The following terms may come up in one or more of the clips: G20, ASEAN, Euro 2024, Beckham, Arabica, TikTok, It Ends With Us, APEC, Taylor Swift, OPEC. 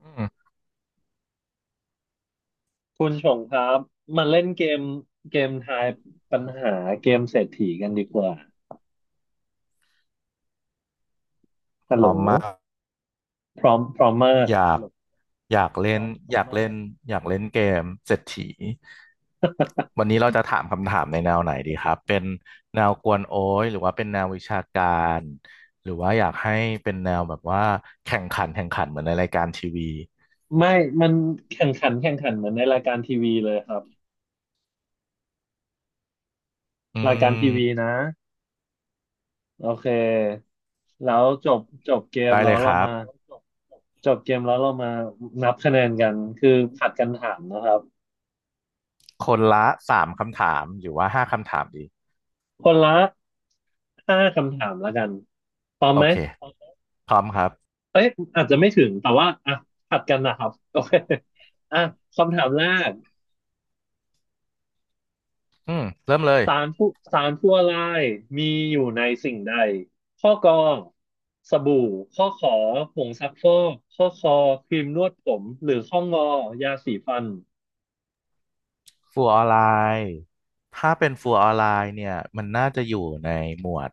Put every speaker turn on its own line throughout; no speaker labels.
อืม
คุณชงครับมาเล่นเกมเกมทายปัญหาเกมเศรษฐีกันดีกว่าฮัลโหลพร้อมพร้อมมาก
อยากอยากอยากเล่นเล่นเกมเศรษฐีวันนี้เราจะถามคำถามในแนวไหนดีครับเป็นแนวกวนโอ้ยหรือว่าเป็นแนววิชาการหรือว่าอยากให้เป็นแนวแบบว่าแข่งขันเหมือนในรายการทีวี
ไม่มันแข่งขันแข่งขันเหมือนในรายการทีวีเลยครับ
อื
รายการที
ม
วีนะโอเคแล้วจบจบเกม
ได้
แล้
เล
ว
ยค
เรา
รับ
มา
บ
จบเกมแล้วเรามานับคะแนนกันคือผัดกันถามนะครับ
คนละสามคำถามหรือว่าห้าคำถามดี
คนละห้าคำถามแล้วกันพร้อม
โอ
ไหม
เคพร้อมครับ
เอ้ยอาจจะไม่ถึงแต่ว่าอ่ะผัดกันนะครับโอเคอ่ะคำถามแรก
อืมเริ่มเลย
สารผู้สารผู้อะไรมีอยู่ในสิ่งใดข้อกอสบู่ข้อขอผงซักฟอกข้อคอครีมนวดผมหรือข้องอยาสีฟัน
ฟูลออนไลน์ถ้าเป็นฟูลออนไลน์เนี่ยมันน่าจะอยู่ในหมวด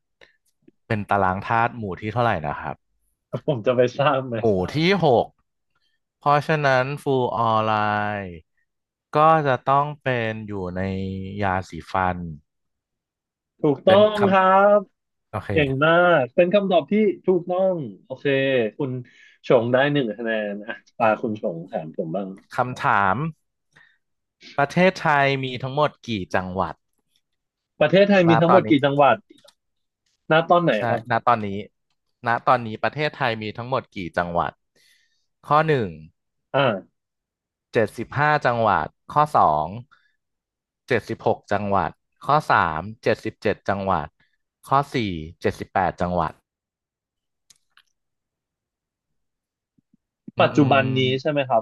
เป็นตารางธาตุหมู่ที่เท่าไหร่นะครับ
ผมจะไปทราบไหม
หมู่ที่หกเพราะฉะนั้นฟูลออนไลน์ก็จะต้องเป็นอยู่ในยาสีฟัน
ถูกต้
เป็
อ
น
ง
ค
ครับ
ำโอเค
เก่งมากเป็นคำตอบที่ถูกต้องโอเคคุณชงได้หนึ่งคะแนนอ่ะตาคุณชงถามผมบ้าง
คำถามประเทศไทยมีทั้งหมดกี่จังหวัด
ประเทศไทย
ณ
มีทั้
ต
งห
อ
ม
น
ด
นี้
กี่จังหวัดณตอนไหน
ใช่
ครับ
ณตอนนี้ณตอนนี้ประเทศไทยมีทั้งหมดกี่จังหวัดข้อหนึ่ง
อ่า
เจ็ดสิบห้าจังหวัดข้อสองเจ็ดสิบหกจังหวัดข้อสามเจ็ดสิบเจ็ดจังหวัดข้อสี่เจ็ดสิบแปดจังหวัดอื
ปั
ม
จ
อื
จุบันนี้ใช่
ม
ไหมครับ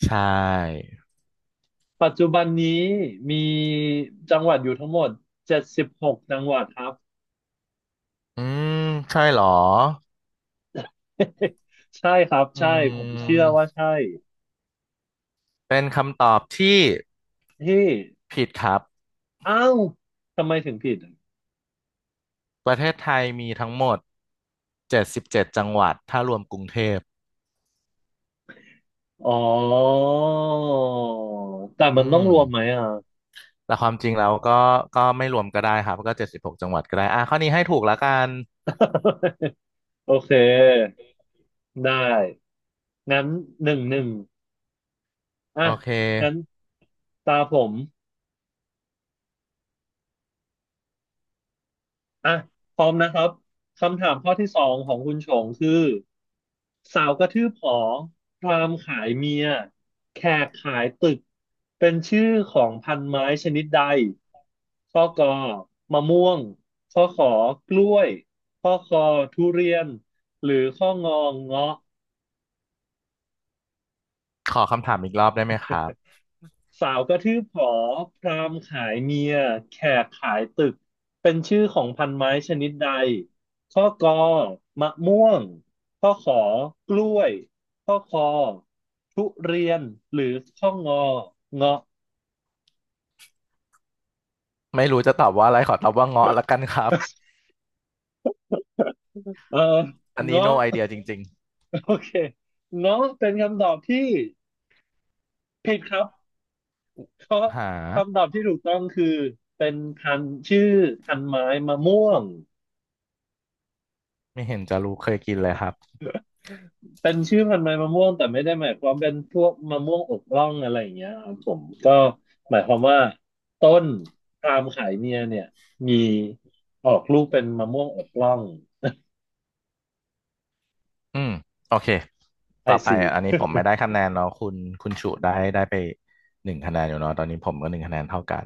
ใช่
ปัจจุบันนี้มีจังหวัดอยู่ทั้งหมดเจ็ดสิบหกจังหวัดครับ
อืมใช่เหรอ
ใช่ครับ
อื
ใช่ผมเชื่อว่า
ม
ใช่
เป็นคำตอบที่
ที่
ผิดครับ
อ้าวทำไมถึงผิดอะ
ประเทศไทยมีทั้งหมดเจ็ดสิบเจ็ดจังหวัดถ้ารวมกรุงเทพ
อ๋อแต่
อื
มันต้องรวมไหม
ม
อ่ะ
แต่ความจริงแล้วก็ไม่รวมก็ได้ครับก็เจ็ดสิบหกจังหวัดก็ได้อ่ะข้อนี้ให้ถูกแล้วกัน
โอเคได้งั้นหนึ่งหนึ่งอ่ะ
โอเค
งั้นตาผม อ่ะพร้อมนะครับคำถามข้อที่สองของคุณชงคือสาวกระทืบหอพราหมณ์ขายเมียแขกขายตึกเป็นชื่อของพันไม้ชนิดใดข้อกอมะม่วงข้อขอกล้วยข้อคอทุเรียนหรือข้องอเงาะ
ขอคำถามอีกรอบได้ไหมครับ
สาวกระทืบหอพราหมณ์ขายเมียแขกขายตึกเป็นชื่อของพันไม้ชนิดใดข้อกอมะม่วงข้อขอกล้วยข้อคอทุเรียนหรือข้องอเงาะ
ไม่รู้จะตอบว่าอะไรขอตอบว่าเงาะละกันครับ
เออ
อันนี้
เงาะ
no idea จริง
โอเคเงาะเป็นคำตอบที่ผิดครับเพราะ
ๆหา
คำตอบที่ถูกต้องคือเป็นพันธุ์ชื่อพันธุ์ไม้มะม่วง
ไม่เห็นจะรู้เคยกินเลยครับ
เป็นชื่อพันธุ์ไม้มะม่วงแต่ไม่ได้หมายความเป็นพวกมะม่วงอกร่องอะไรอย่างเงี้ยครับผมก็หมายความว่าต้นพาล์มขายเมียเนี่ยมีออกลูกเป็นมะม่วงอกร่อง
อืมโอเค
ไอ
ต่อไป
ซี
อันนี้ผมไม่ได้คะแนนเนาะคุณชุได้ไปหนึ่งคะแนนอยู่เนาะตอนนี้ผมก็หนึ่งคะแนนเท่ากัน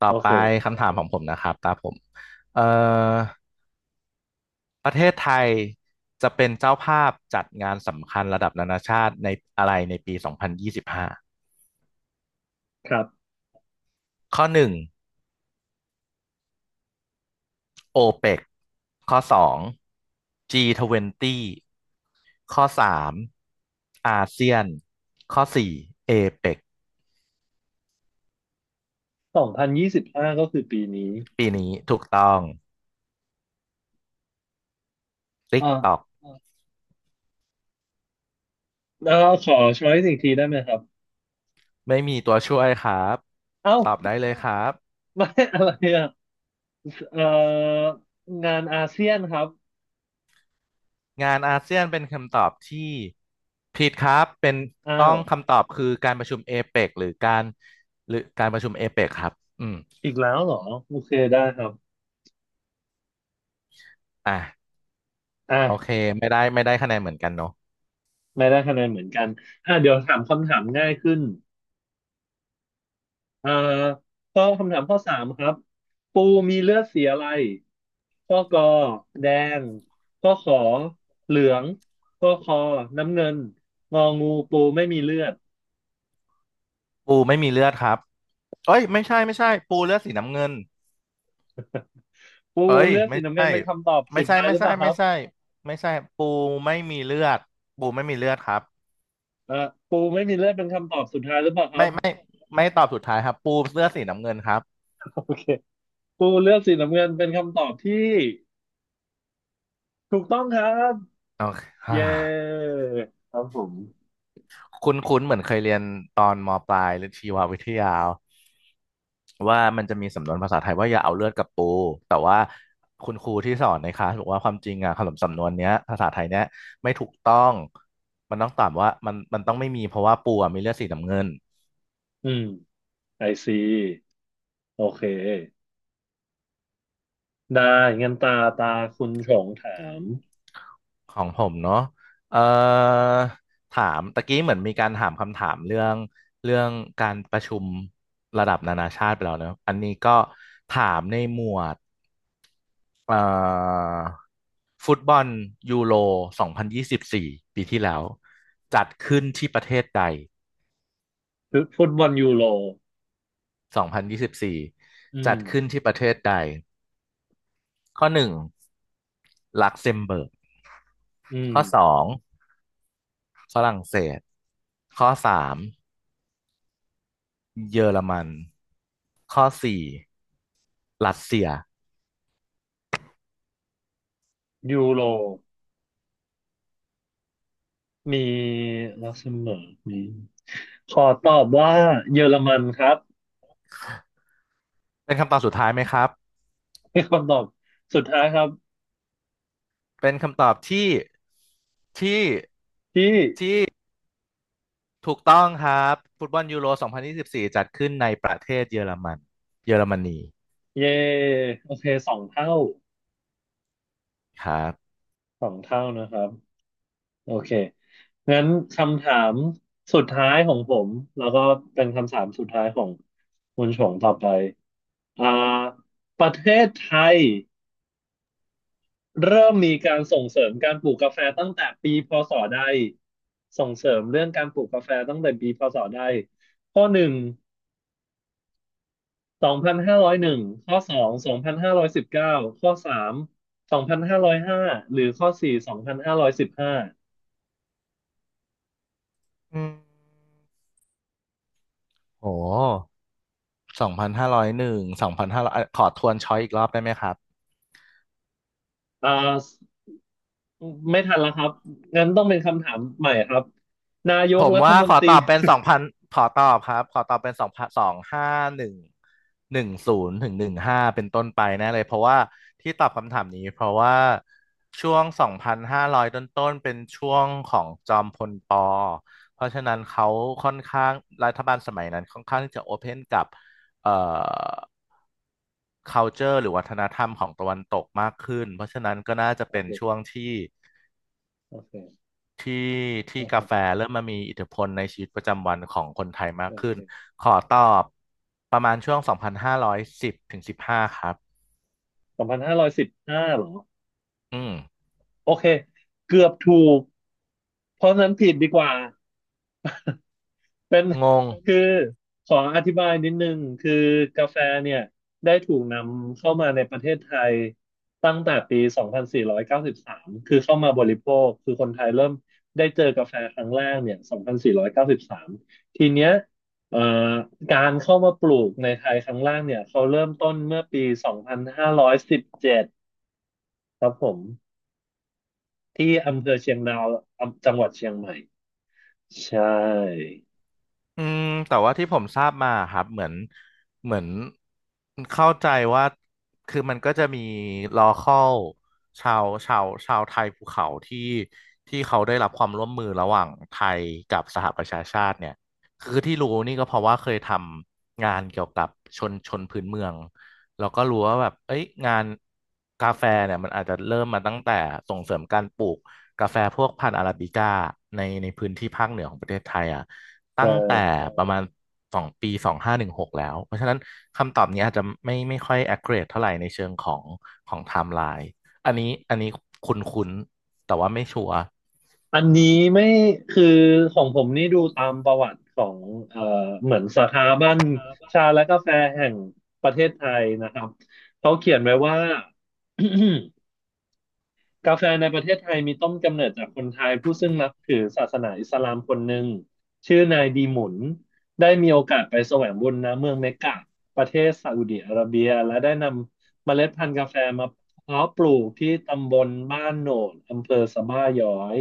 ต่อ
โอ
ไป
เค
คำถามของผมนะครับตาผมเอ่อประเทศไทยจะเป็นเจ้าภาพจัดงานสำคัญระดับนานาชาติในอะไรในปี2025
ครับ
ข้อหนึ่ง โอเปกข้อสอง G20 ข้อสามอาเซียนข้อสี่เอเปก
สองพันยี่สิบห้าก็คือปีนี้
ปีนี้ถูกต้อง
อ่า
TikTok
แล้วขอช้อยส์อีกทีได้ไหมครับ
ไม่มีตัวช่วยครับ
เอ้า
ตอบได้เลยครับ
ไม่อะไรอ่ะเอ่องานอาเซียนครับ
งานอาเซียนเป็นคำตอบที่ผิดครับเป็น
อ้า
ต้อ
ว
งคำตอบคือการประชุมเอเปกหรือการประชุมเอเปกครับอืม
อีกแล้วเหรอโอเคได้ครับ
อ่ะ
อ่ะ
โอเคไม่ได้คะแนนเหมือนกันเนาะ
ไม่ได้คะแนนเหมือนกันอ่ะเดี๋ยวถามคำถามง่ายขึ้น อ่าข้อคำถามข้อสามครับปูมีเลือดสีอะไรข้อกอแดงข้อขอเหลืองข้อคอน้ำเงินงองูปูไม่มีเลือด
ปูไม่มีเลือดครับเอ้ยไม่ใช่ไม่ใช่ปูเลือดสีน้ำเงิน
ปู
เอ้ย
เลือด
ไม่
สีน้ำเงิ
ใช่
นเป็นคำตอบ
ไม่
สุด
ใช่
ท้าย
ไม่
หรือเป
ใช่
ล่าค
ไม่
รับ
ใช่ไม่ใช่ปูไม่มีเลือดปูไม่มีเลือดครับ
อ่าปูไม่มีเลือดเป็นคำตอบสุดท้ายหรือเปล่าครับ
ไม่ตอบสุดท้ายครับปูเสื้อสีน้ำเงินครับ
โอเคปูเลือดสีน้ำเงินเป็นคำตอบที่ถูกต้องครับ
โอเคอ่า
เย้ครับผม
คุ้นคุ้นเหมือนเคยเรียนตอนมปลายหรือชีววิทยาว่ามันจะมีสำนวนภาษาไทยว่าอย่าเอาเลือดกับปูแต่ว่าคุณครูที่สอนในคลาสบอกว่าความจริงอ่ะคำสำนวนเนี้ยภาษาไทยเนี้ยไม่ถูกต้องมันต้องตอบว่ามันต้องไม่มีเพราะว่าปูอ่ะมีเลือดสีน้ำเงิน
อืมไอซีโอเคได้งั้นตาคุณชงถาม
ของผมเนาะเอ่อถามตะกี้เหมือนมีการถามคำถามเรื่องการประชุมระดับนานาชาติไปแล้วเนอะอันนี้ก็ถามในหมวดเอ่อฟุตบอลยูโร2024ปีที่แล้วจัดขึ้นที่ประเทศใด
คือฟุตบอลยูโร
2024
อืม
จัดขึ้นที่ประเทศใดข้อหนึ่งลักเซมเบิร์ก
อืม
ข้อสองฝรั่งเศสข้อสาม เยอรมันข้อสี่รัสเซีย
ยูโรมีลักเซมเบิร์กมีขอตอบว่าเยอรมันครับ
เป็นคำตอบสุดท้ายไหมครับ
เป็นคำตอบสุดท้ายครับ
เป็นคำตอบที่ที่
ที่
ถูกต้องครับฟุตบอลยูโร2024จัดขึ้นในประเทศเยอรมัน เยอรมนี
เย่โอเคสองเท่า
ครับ
สองเท่านะครับโอเคงั้นคำถามสุดท้ายของผมแล้วก็เป็นคำถามสุดท้ายของคุณชงต่อไปอ่าประเทศไทย เริ่มมีการส่งเสริมการปลูกกาแฟตั้งแต่ปีพศใดส่งเสริมเรื่องการปลูกกาแฟตั้งแต่ปีพศใดข้อหนึ่งสองพันห้าร้อยหนึ่งข้อสองสองพันห้าร้อยสิบเก้าข้อสามสองพันห้าร้อยห้าหรือข้อสี่สองพันห้าร้อยสิบห้า
อืมโอ้สองพันห้าร้อยหนึ่งสองพันห้าร้อยขอทวนช้อยอีกรอบได้ไหมครับ
อ่าไม่ทันแล้วครับงั้นต้องเป็นคำถามใหม่ครับนาย
ผ
ก
ม
รัฐ
ว่า
ม
ข
น
อ
ต
ต
รี
อบเป็นสองพันขอตอบครับขอตอบเป็นสองพันสองห้าหนึ่งหนึ่งศูนย์ถึงหนึ่งห้าเป็นต้นไปแน่เลย เพราะว่าที่ตอบคำถามนี้เพราะว่าช่วงสองพันห้าร้อยต้นๆเป็นช่วงของจอมพลปอเพราะฉะนั้นเขาค่อนข้างรัฐบาลสมัยนั้นค่อนข้างที่จะโอเพนกับเอ่อ culture หรือวัฒนธรรมของตะวันตกมากขึ้นเพราะฉะนั้นก็น่าจะ
โอ
เป็น
เค
ช่วงที่
โอเค
ที่ที่
โอ
กาแฟ
เค
เริ่มมามีอิทธิพลในชีวิตประจำวันของคนไทยมาก
โอ
ขึ้น
เค
ขอตอบประมาณช่วง 2,510ถึง15 ครับ
สองพันห้าร้อยสิบห้าเหรอ
อืม
โอเคเกือบถูกเพราะฉะนั้นผิดดีกว่า เป็น
งง
คือขออธิบายนิดนึงคือกาแฟเนี่ยได้ถูกนำเข้ามาในประเทศไทยตั้งแต่ปี 2493 คือเข้ามาบริโภคคือคนไทยเริ่มได้เจอกาแฟครั้งแรกเนี่ย2493 ทีเนี้ยเอ่อการเข้ามาปลูกในไทยครั้งแรกเนี่ยเขาเริ่มต้นเมื่อปี 2517 ครับผมที่อำเภอเชียงดาวอำจังหวัดเชียงใหม่ใช่
อืมแต่ว่าที่ผมทราบมาครับเหมือนเข้าใจว่าคือมันก็จะมี local ชาวไทยภูเขาที่เขาได้รับความร่วมมือระหว่างไทยกับสหประชาชาติเนี่ยคือที่รู้นี่ก็เพราะว่าเคยทำงานเกี่ยวกับชนพื้นเมืองแล้วก็รู้ว่าแบบเอ้ยงานกาแฟเนี่ยมันอาจจะเริ่มมาตั้งแต่ส่งเสริมการปลูกกาแฟพวกพันธุ์อาราบิก้าในพื้นที่ภาคเหนือของประเทศไทยอ่ะ
ใ
ตั้งแต่
ช่
ประมาณสองปีสองห้าหนึ่งหกแล้วเพราะฉะนั้นคำตอบนี้อาจจะไม่ค่อย accurate เท่าไหร่ในเชิงของของไทม์ไลน์อันนี้คุ้นคุ้นแต่ว่าไม่ชัวร์
อันนี้ไม่คือของผมนี่ดูตามประวัติของเอ่อเหมือนสถาบันชาและกาแฟแห่งประเทศไทยนะครับเขาเขียนไว้ว่า กาแฟในประเทศไทยมีต้นกำเนิดจากคนไทยผู้ซึ่งนับถือศาสนาอิสลามคนหนึ่งชื่อนายดีหมุนได้มีโอกาสไปแสวงบุญณเมืองเมกกะประเทศซาอุดิอาระเบียและได้นำเมล็ดพันธุ์กาแฟมาเพาะปลูกที่ตำบลบ้านโหนดอำเภอสะบ้าย้อย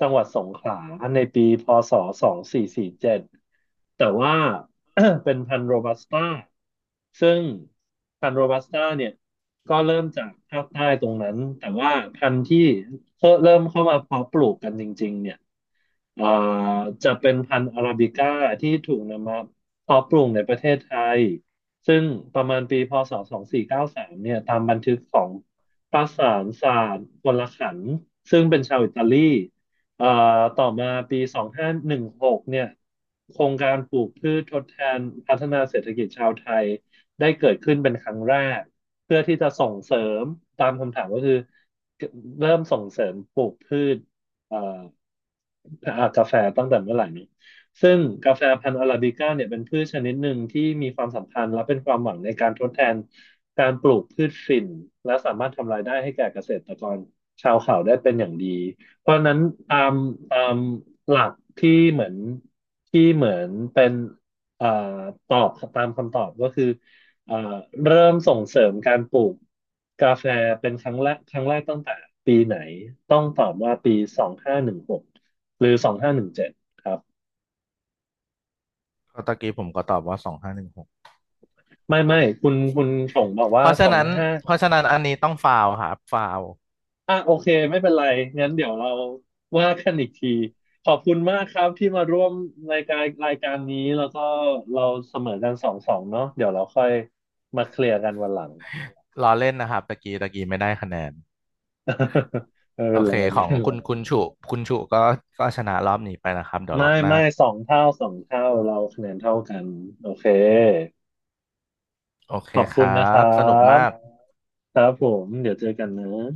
จังหวัดสงขลาในปีพศ2447แต่ว่า เป็นพันธุ์โรบัสต้าซึ่งพันธุ์โรบัสต้าเนี่ย ก็เริ่มจากภาคใต้ตรงนั้นแต่ว่าพันธุ์ที่เริ่มเข้ามาเพาะปลูกกันจริงๆเนี่ย เอ่อจะเป็นพันธุ์อาราบิก้าที่ถูกนำมาเพาะปลูกในประเทศไทยซึ่งประมาณปีพศ2493เก้าสิบสามเนี่ยตามบันทึกของประสานศาสตร์พลขันธ์ซึ่งเป็นชาวอิตาลีเอ่อต่อมาปี2516เนี่ยโครงการปลูกพืชทดแทนพัฒนาเศรษฐกิจชาวไทยได้เกิดขึ้นเป็นครั้งแรกเพื่อที่จะส่งเสริมตามคำถามก็คือเริ่มส่งเสริมปลูกพืชเอ่อ อาบกาแฟตั้งแต่เมื่อไหร่นี้ซึ่งกาแฟพันธุ์อาราบิก้าเนี่ยเป็นพืชชนิดหนึ่งที่มีความสำคัญและเป็นความหวังในการทดแทนการปลูกพืชฝิ่นและสามารถทำรายได้ให้แก่เกษตรกรชาวเขาได้เป็นอย่างดี เพราะฉะนั้นตามตามหลักที่เหมือนเป็นอ่าตอบตามคำตอบก็คืออ่าเริ่มส่งเสริมการปลูกกาแฟเป็นครั้งแรกตั้งแต่ปีไหนต้องตอบว่าปีสองห้าหนึ่งหก หรือสองห้าหนึ่งเจ็ดครับ
เพราะตะกี้ผมก็ตอบว่าสองห้าหนึ่งหก
ไม่ไม่คุณชงบอก
เพ
ว่า
ราะ
ส
ฉะ
อง
นั้น
ห้า
เพราะฉะนั้นอันนี้ต้องฟาวครับฟาว
อ่ะโอเคไม่เป็นไรงั้นเดี๋ยวเราว่ากันอีกทีขอบคุณมากครับที่มาร่วมรายการนี้แล้วก็เราเสมอกันสองสองเนาะเดี๋ยวเราค่อยมาเคลียร์กันวันหลัง
ล้อเล่นนะครับตะกี้ไม่ได้คะแนน
ไม่
โอ
เป็น
เค
ไร
ขอ
ไม่
ง
เป็น
คุณคุ
ไร
ณฉุคุณฉุก็ชนะรอบนี้ไปนะครับเดี๋ยวรอ
ไม่
บหน้า
ไม่สองเท่าสองเท่าเราคะแนนเท่ากันโอเค
โอเค
ขอบ
ค
คุ
ร
ณนะ
ั
คร
บส
ั
นุก
บ
มาก
ครับผมเดี๋ยวเจอกันนะ